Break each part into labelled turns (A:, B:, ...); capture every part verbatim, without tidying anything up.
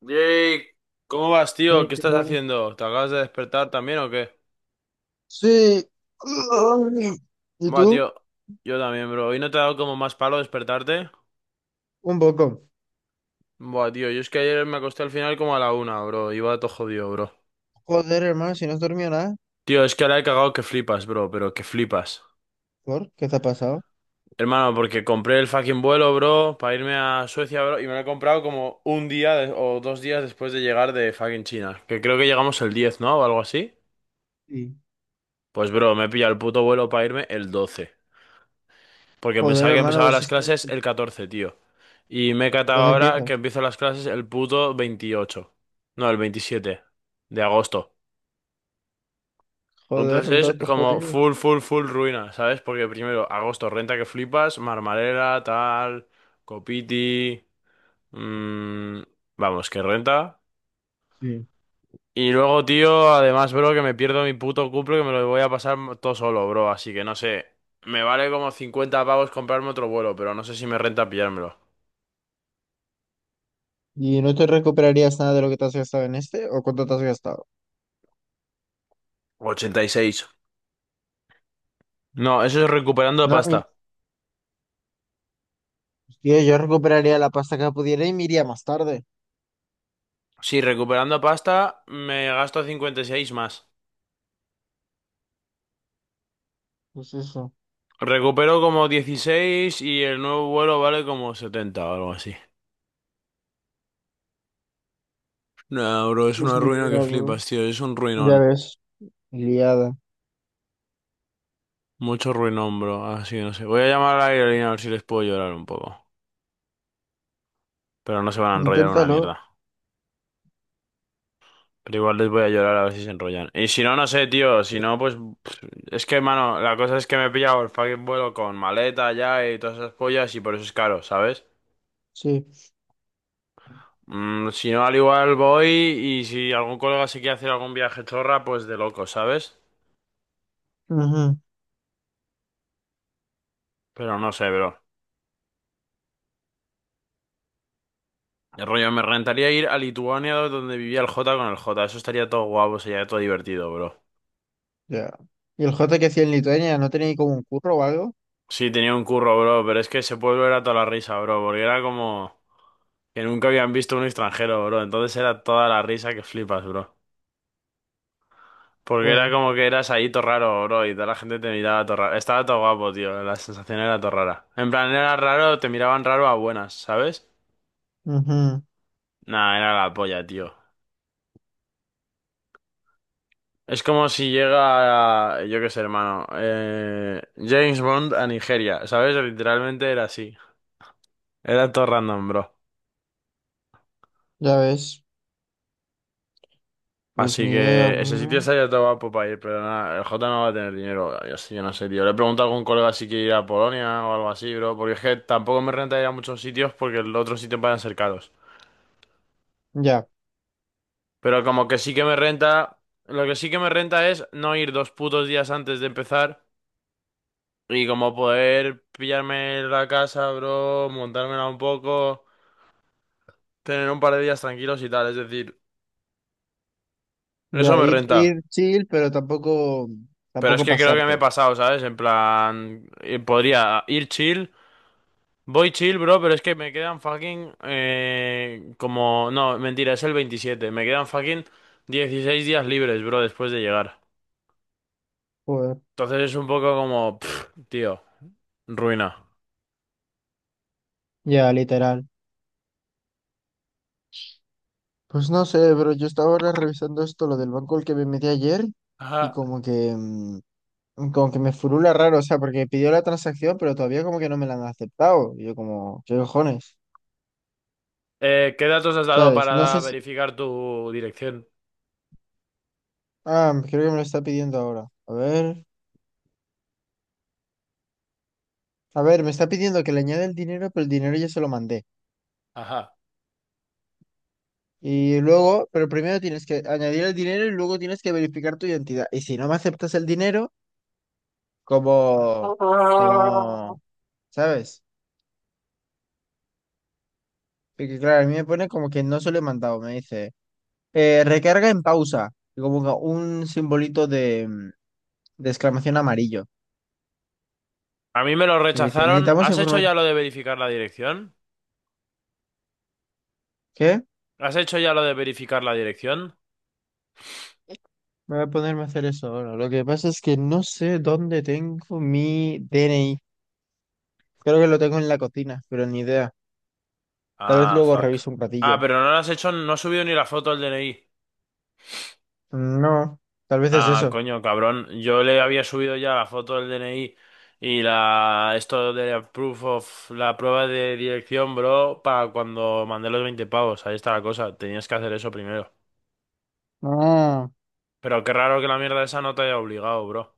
A: Yay, ¿cómo vas, tío?
B: Ay,
A: ¿Qué
B: ¿qué
A: estás
B: tal?
A: haciendo? ¿Te acabas de despertar también o qué?
B: Sí. Ay. ¿Y
A: Buah,
B: tú?
A: tío, yo también, bro. ¿Hoy no te ha dado como más palo despertarte?
B: Un poco.
A: Buah, tío, yo es que ayer me acosté al final como a la una, bro. Iba todo jodido, bro.
B: Joder, hermano, si no has dormido nada,
A: Tío, es que ahora he cagado que flipas, bro, pero que flipas.
B: ¿por qué te ha pasado?
A: Hermano, porque compré el fucking vuelo, bro, para irme a Suecia, bro, y me lo he comprado como un día de- o dos días después de llegar de fucking China, que creo que llegamos el diez, ¿no? O algo así.
B: Sí.
A: Pues, bro, me he pillado el puto vuelo para irme el doce. Porque
B: Joder,
A: pensaba que
B: hermano,
A: empezaba
B: vas a
A: las
B: estar...
A: clases el catorce, tío. Y me he
B: ¿Y
A: catado
B: cuándo
A: ahora
B: empiezas?
A: que empiezo las clases el puto veintiocho. No, el veintisiete de agosto.
B: Joder, bro,
A: Entonces es
B: todo
A: como
B: jodido.
A: full, full, full ruina, ¿sabes? Porque primero, agosto, renta que flipas, Marmarela, tal, Copiti. mm, vamos, que renta.
B: Sí.
A: Y luego, tío, además, bro, que me pierdo mi puto cumple que me lo voy a pasar todo solo, bro. Así que no sé. Me vale como cincuenta pavos comprarme otro vuelo, pero no sé si me renta pillármelo.
B: ¿Y no te recuperarías nada de lo que te has gastado en este? ¿O cuánto te has gastado?
A: Ochenta y seis. No, eso es recuperando
B: No, y-
A: pasta.
B: Tío, yo recuperaría la pasta que pudiera y me iría más tarde.
A: Sí, recuperando pasta me gasto cincuenta y seis más.
B: Pues eso.
A: Recupero como dieciséis y el nuevo vuelo vale como setenta o algo así. No, bro, es
B: Pues
A: una
B: ni
A: ruina que
B: idea, bro.
A: flipas, tío. Es un
B: Ya
A: ruinón.
B: ves, liada.
A: Mucho ruinón, bro. Así no sé. Voy a llamar a la aerolínea a ver si les puedo llorar un poco. Pero no se van a enrollar una
B: Inténtalo.
A: mierda. Pero igual les voy a llorar a ver si se enrollan. Y si no, no sé, tío. Si no, pues... pff, Es que, mano, la cosa es que me he pillado el fucking vuelo con maleta ya y todas esas pollas y por eso es caro, ¿sabes?
B: Sí.
A: Mm, si no, al igual voy y si algún colega se quiere hacer algún viaje chorra, pues de loco, ¿sabes?
B: Ujú.
A: Pero no sé, bro. El rollo, me rentaría ir a Lituania donde vivía el Jota con el Jota. Eso estaría todo guapo, sería todo divertido, bro.
B: Ya. ¿Y el J que hacía en Lituania? ¿No tenía ahí como un curro o algo?
A: Sí, tenía un curro, bro, pero es que ese pueblo era toda la risa, bro, porque era como que nunca habían visto un extranjero, bro. Entonces era toda la risa que flipas, bro. Porque era
B: Joder.
A: como que eras ahí todo raro, bro, y toda la gente te miraba todo raro. Estaba todo guapo, tío, la sensación era todo rara. En plan, era raro, te miraban raro a buenas, ¿sabes?
B: Ujú.
A: Nah, era la polla, tío. Es como si llega, yo qué sé, hermano, eh, James Bond a Nigeria, ¿sabes? Literalmente era así. Era todo random, bro.
B: Ya ves. Pues
A: Así
B: ni idea,
A: que ese sitio
B: bro.
A: estaría todo guapo para ir, pero nada, el J no va a tener dinero. Yo, sí, yo no sé, tío. Le he preguntado a algún colega si quiere ir a Polonia o algo así, bro, porque es que tampoco me renta ir a muchos sitios porque los otros sitios van a ser caros.
B: Ya.
A: Pero como que sí que me renta, lo que sí que me renta es no ir dos putos días antes de empezar. Y como poder pillarme la casa, bro, montármela un poco, tener un par de días tranquilos y tal, es decir, eso
B: Ya,
A: me
B: ir,
A: renta.
B: ir chill, pero tampoco,
A: Pero es
B: tampoco
A: que creo que me he
B: pasarte.
A: pasado, ¿sabes? En plan, eh, podría ir chill, voy chill, bro, pero es que me quedan fucking, eh, como, no, mentira, es el veintisiete, me quedan fucking dieciséis días libres, bro, después de llegar.
B: Joder.
A: Entonces es un poco como, pff, tío, ruina.
B: Ya, literal. Pues no sé, pero yo estaba ahora revisando esto, lo del banco al que me metí ayer, y
A: Ajá.
B: como que, mm, como que me furula raro, o sea, porque pidió la transacción, pero todavía como que no me la han aceptado. Y yo como, ¿qué cojones?
A: Eh, ¿qué datos has dado
B: ¿Sabes? No sé
A: para
B: si...
A: verificar tu dirección?
B: Ah, creo que me lo está pidiendo ahora. A ver. A ver, me está pidiendo que le añade el dinero, pero el dinero ya se lo mandé.
A: Ajá.
B: Y luego, pero primero tienes que añadir el dinero y luego tienes que verificar tu identidad. Y si no me aceptas el dinero, como, como, ¿sabes? Porque claro, a mí me pone como que no se lo he mandado, me dice, eh, recarga en pausa, y como que un simbolito de, mm, de exclamación amarillo.
A: A mí me lo
B: Y me dice,
A: rechazaron.
B: necesitamos
A: ¿Has hecho
B: información.
A: ya lo de verificar la dirección?
B: ¿Qué?
A: ¿Has hecho ya lo de verificar la dirección?
B: Me voy a ponerme a hacer eso ahora. Lo que pasa es que no sé dónde tengo mi D N I. Creo que lo tengo en la cocina, pero ni idea. Tal vez
A: Ah,
B: luego
A: fuck.
B: reviso un
A: Ah,
B: ratillo.
A: pero no lo has hecho, no has subido ni la foto del D N I.
B: No, tal vez es
A: Ah,
B: eso.
A: coño, cabrón. Yo le había subido ya la foto del D N I y la esto de proof of la prueba de dirección, bro, para cuando mandé los veinte pavos. Ahí está la cosa. Tenías que hacer eso primero.
B: Ah,
A: Pero qué raro que la mierda esa no te haya obligado, bro.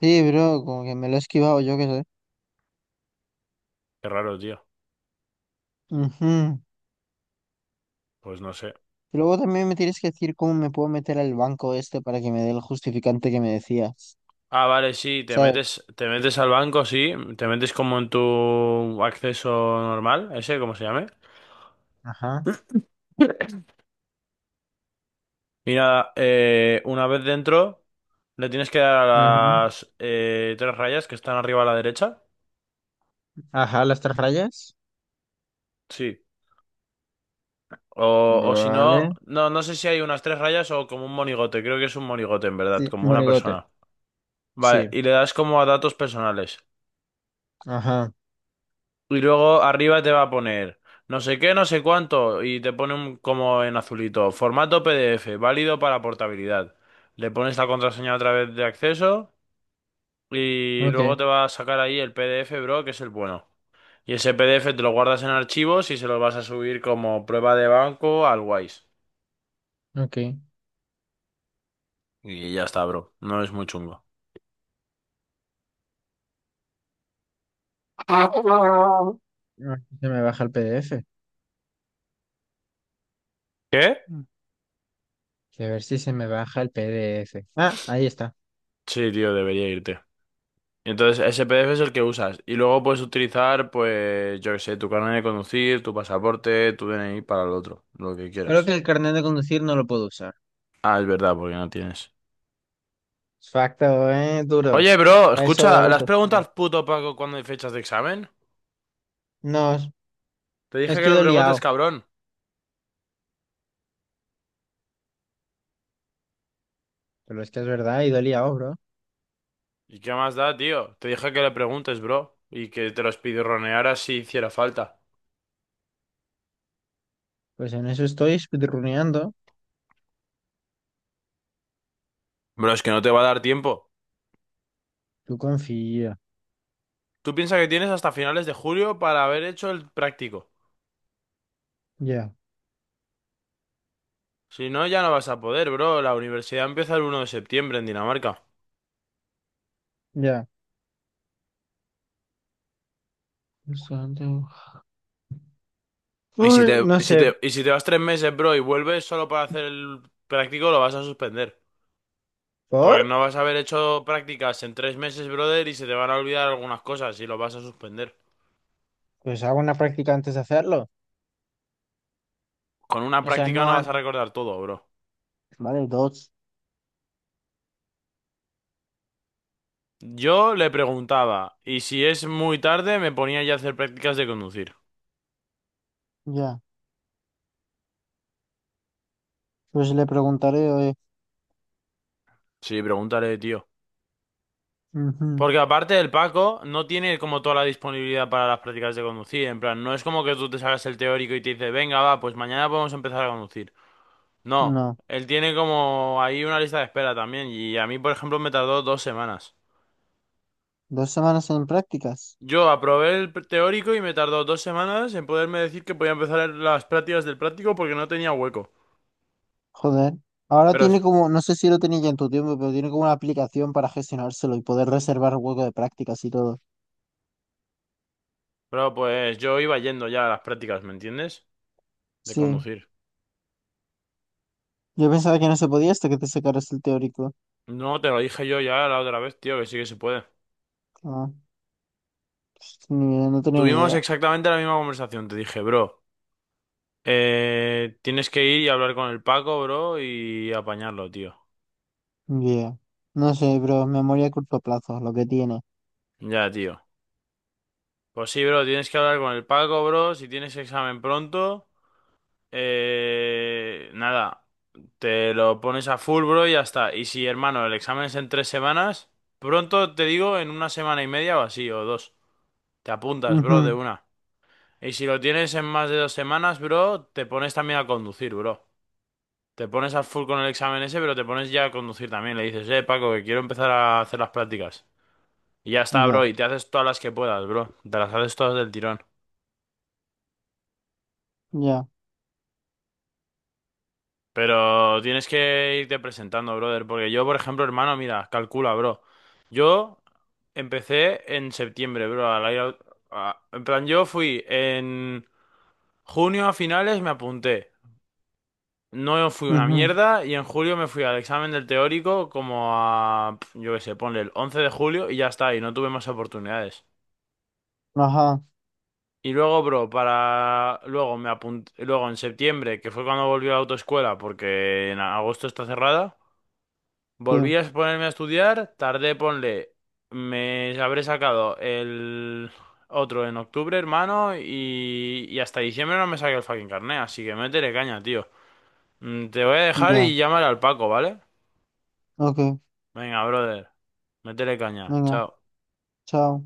B: sí, bro, como que me lo he esquivado, yo qué sé.
A: Qué raro, tío.
B: Ujú.
A: Pues no sé.
B: Y luego también me tienes que decir cómo me puedo meter al banco este para que me dé el justificante que me decías,
A: Ah, vale, sí, te
B: ¿sabes?
A: metes, te metes al banco, sí, te metes como en tu acceso normal, ese, ¿cómo se llame?
B: Ajá.
A: Y nada, eh, una vez dentro, le tienes que dar
B: Ujú.
A: a las eh, tres rayas que están arriba a la derecha,
B: Ajá, las tres rayas.
A: sí. O, o si no,
B: Vale.
A: no, no, sé si hay unas tres rayas o como un monigote, creo que es un monigote en verdad,
B: Sí,
A: como una
B: monigote.
A: persona. Vale,
B: Sí.
A: y le das como a datos personales.
B: Ajá.
A: Y luego arriba te va a poner no sé qué, no sé cuánto, y te pone un, como en azulito, formato P D F, válido para portabilidad. Le pones la contraseña otra vez de acceso y luego
B: Ok,
A: te va a sacar ahí el P D F, bro, que es el bueno. Y ese P D F te lo guardas en archivos y se lo vas a subir como prueba de banco al Wise.
B: ok.
A: Y ya está, bro. No es muy chungo.
B: Ah, se me baja el P D F.
A: ¿Qué?
B: A ver si se me baja el P D F. Ah, ahí está.
A: Sí, tío, debería irte. Entonces, ese P D F es el que usas. Y luego puedes utilizar, pues, yo qué sé, tu carnet de conducir, tu pasaporte, tu D N I para el otro, lo que
B: Creo que
A: quieras.
B: el carnet de conducir no lo puedo usar.
A: Ah, es verdad, porque no tienes.
B: Facto, eh, duro.
A: Oye, bro,
B: A eso
A: escucha,
B: era
A: ¿las
B: tu. No,
A: preguntas puto Paco cuando hay fechas de examen?
B: No, es
A: Te
B: es
A: dije que
B: que he
A: lo
B: ido
A: preguntes,
B: liado.
A: cabrón.
B: Pero es que es verdad, he ido liado, bro.
A: ¿Y qué más da, tío? Te dije que le preguntes, bro. Y que te los pidorronearas si hiciera falta.
B: Pues en eso estoy speedruneando.
A: Bro, es que no te va a dar tiempo.
B: Tú confía.
A: Tú piensas que tienes hasta finales de julio para haber hecho el práctico.
B: Ya,
A: Si no, ya no vas a poder, bro. La universidad empieza el uno de septiembre en Dinamarca.
B: ya. Bastante.
A: Y si
B: Uy,
A: te,
B: no
A: y si
B: sé.
A: te, y si te vas tres meses, bro, y vuelves solo para hacer el práctico, lo vas a suspender.
B: ¿Por?
A: Porque no vas a haber hecho prácticas en tres meses, brother, y se te van a olvidar algunas cosas y lo vas a suspender.
B: Pues hago una práctica antes de hacerlo.
A: Con una
B: O sea,
A: práctica
B: no
A: no vas a
B: antes.
A: recordar todo, bro.
B: Vale, dos.
A: Yo le preguntaba, y si es muy tarde, me ponía ya a hacer prácticas de conducir.
B: Ya. Pues le preguntaré, oye.
A: Sí, pregúntale, tío.
B: Ujú.
A: Porque aparte el Paco no tiene como toda la disponibilidad para las prácticas de conducir. En plan, no es como que tú te hagas el teórico y te dice, venga, va, pues mañana podemos empezar a conducir. No,
B: No.
A: él tiene como ahí una lista de espera también y a mí, por ejemplo, me tardó dos semanas.
B: Dos semanas en prácticas.
A: Yo aprobé el pr- teórico y me tardó dos semanas en poderme decir que podía empezar las prácticas del práctico porque no tenía hueco.
B: Joder. Ahora
A: Pero,
B: tiene como, no sé si lo tenía ya en tu tiempo, pero tiene como una aplicación para gestionárselo y poder reservar hueco de prácticas y todo.
A: pero pues yo iba yendo ya a las prácticas, ¿me entiendes? De
B: Sí.
A: conducir.
B: Yo pensaba que no se podía hasta que te sacaras el teórico.
A: No, te lo dije yo ya la otra vez, tío, que sí que se puede.
B: Ah, pues ni idea, no tenía ni
A: Tuvimos
B: idea.
A: exactamente la misma conversación. Te dije, bro, eh, tienes que ir y hablar con el Paco, bro, y apañarlo, tío.
B: Yeah. No sé, bro. Memoria a corto plazo, lo que tiene.
A: Ya, tío. Pues sí, bro, tienes que hablar con el Paco, bro. Si tienes examen pronto, eh, nada, te lo pones a full, bro, y ya está. Y si, hermano, el examen es en tres semanas, pronto te digo en una semana y media o así, o dos. Te apuntas, bro, de
B: Ujú.
A: una. Y si lo tienes en más de dos semanas, bro, te pones también a conducir, bro. Te pones a full con el examen ese, pero te pones ya a conducir también. Le dices, eh, Paco, que quiero empezar a hacer las prácticas. Y ya está,
B: Ya,
A: bro, y te haces todas las que puedas, bro. Te las haces todas del tirón.
B: ya.
A: Pero tienes que irte presentando, brother, porque yo, por ejemplo, hermano, mira, calcula, bro. Yo empecé en septiembre, bro, al aire- a- en plan, yo fui en junio a finales, me apunté. No fui una
B: Ujú.
A: mierda y en julio me fui al examen del teórico como a, pf, yo qué sé, ponle el once de julio y ya está, y no tuve más oportunidades.
B: Ajá,
A: Y luego, bro, para... Luego me apunté... Luego en septiembre, que fue cuando volví a la autoescuela, porque en agosto está cerrada. Volví
B: sí,
A: a ponerme a estudiar, tardé, ponle, me habré sacado el otro en octubre, hermano, y, y hasta diciembre no me saqué el fucking carnet, así que métele caña, tío. Mm, Te voy a dejar
B: ya.
A: y llamar al Paco, ¿vale?
B: Ok,
A: Venga, brother, métele caña,
B: venga,
A: chao.
B: chao.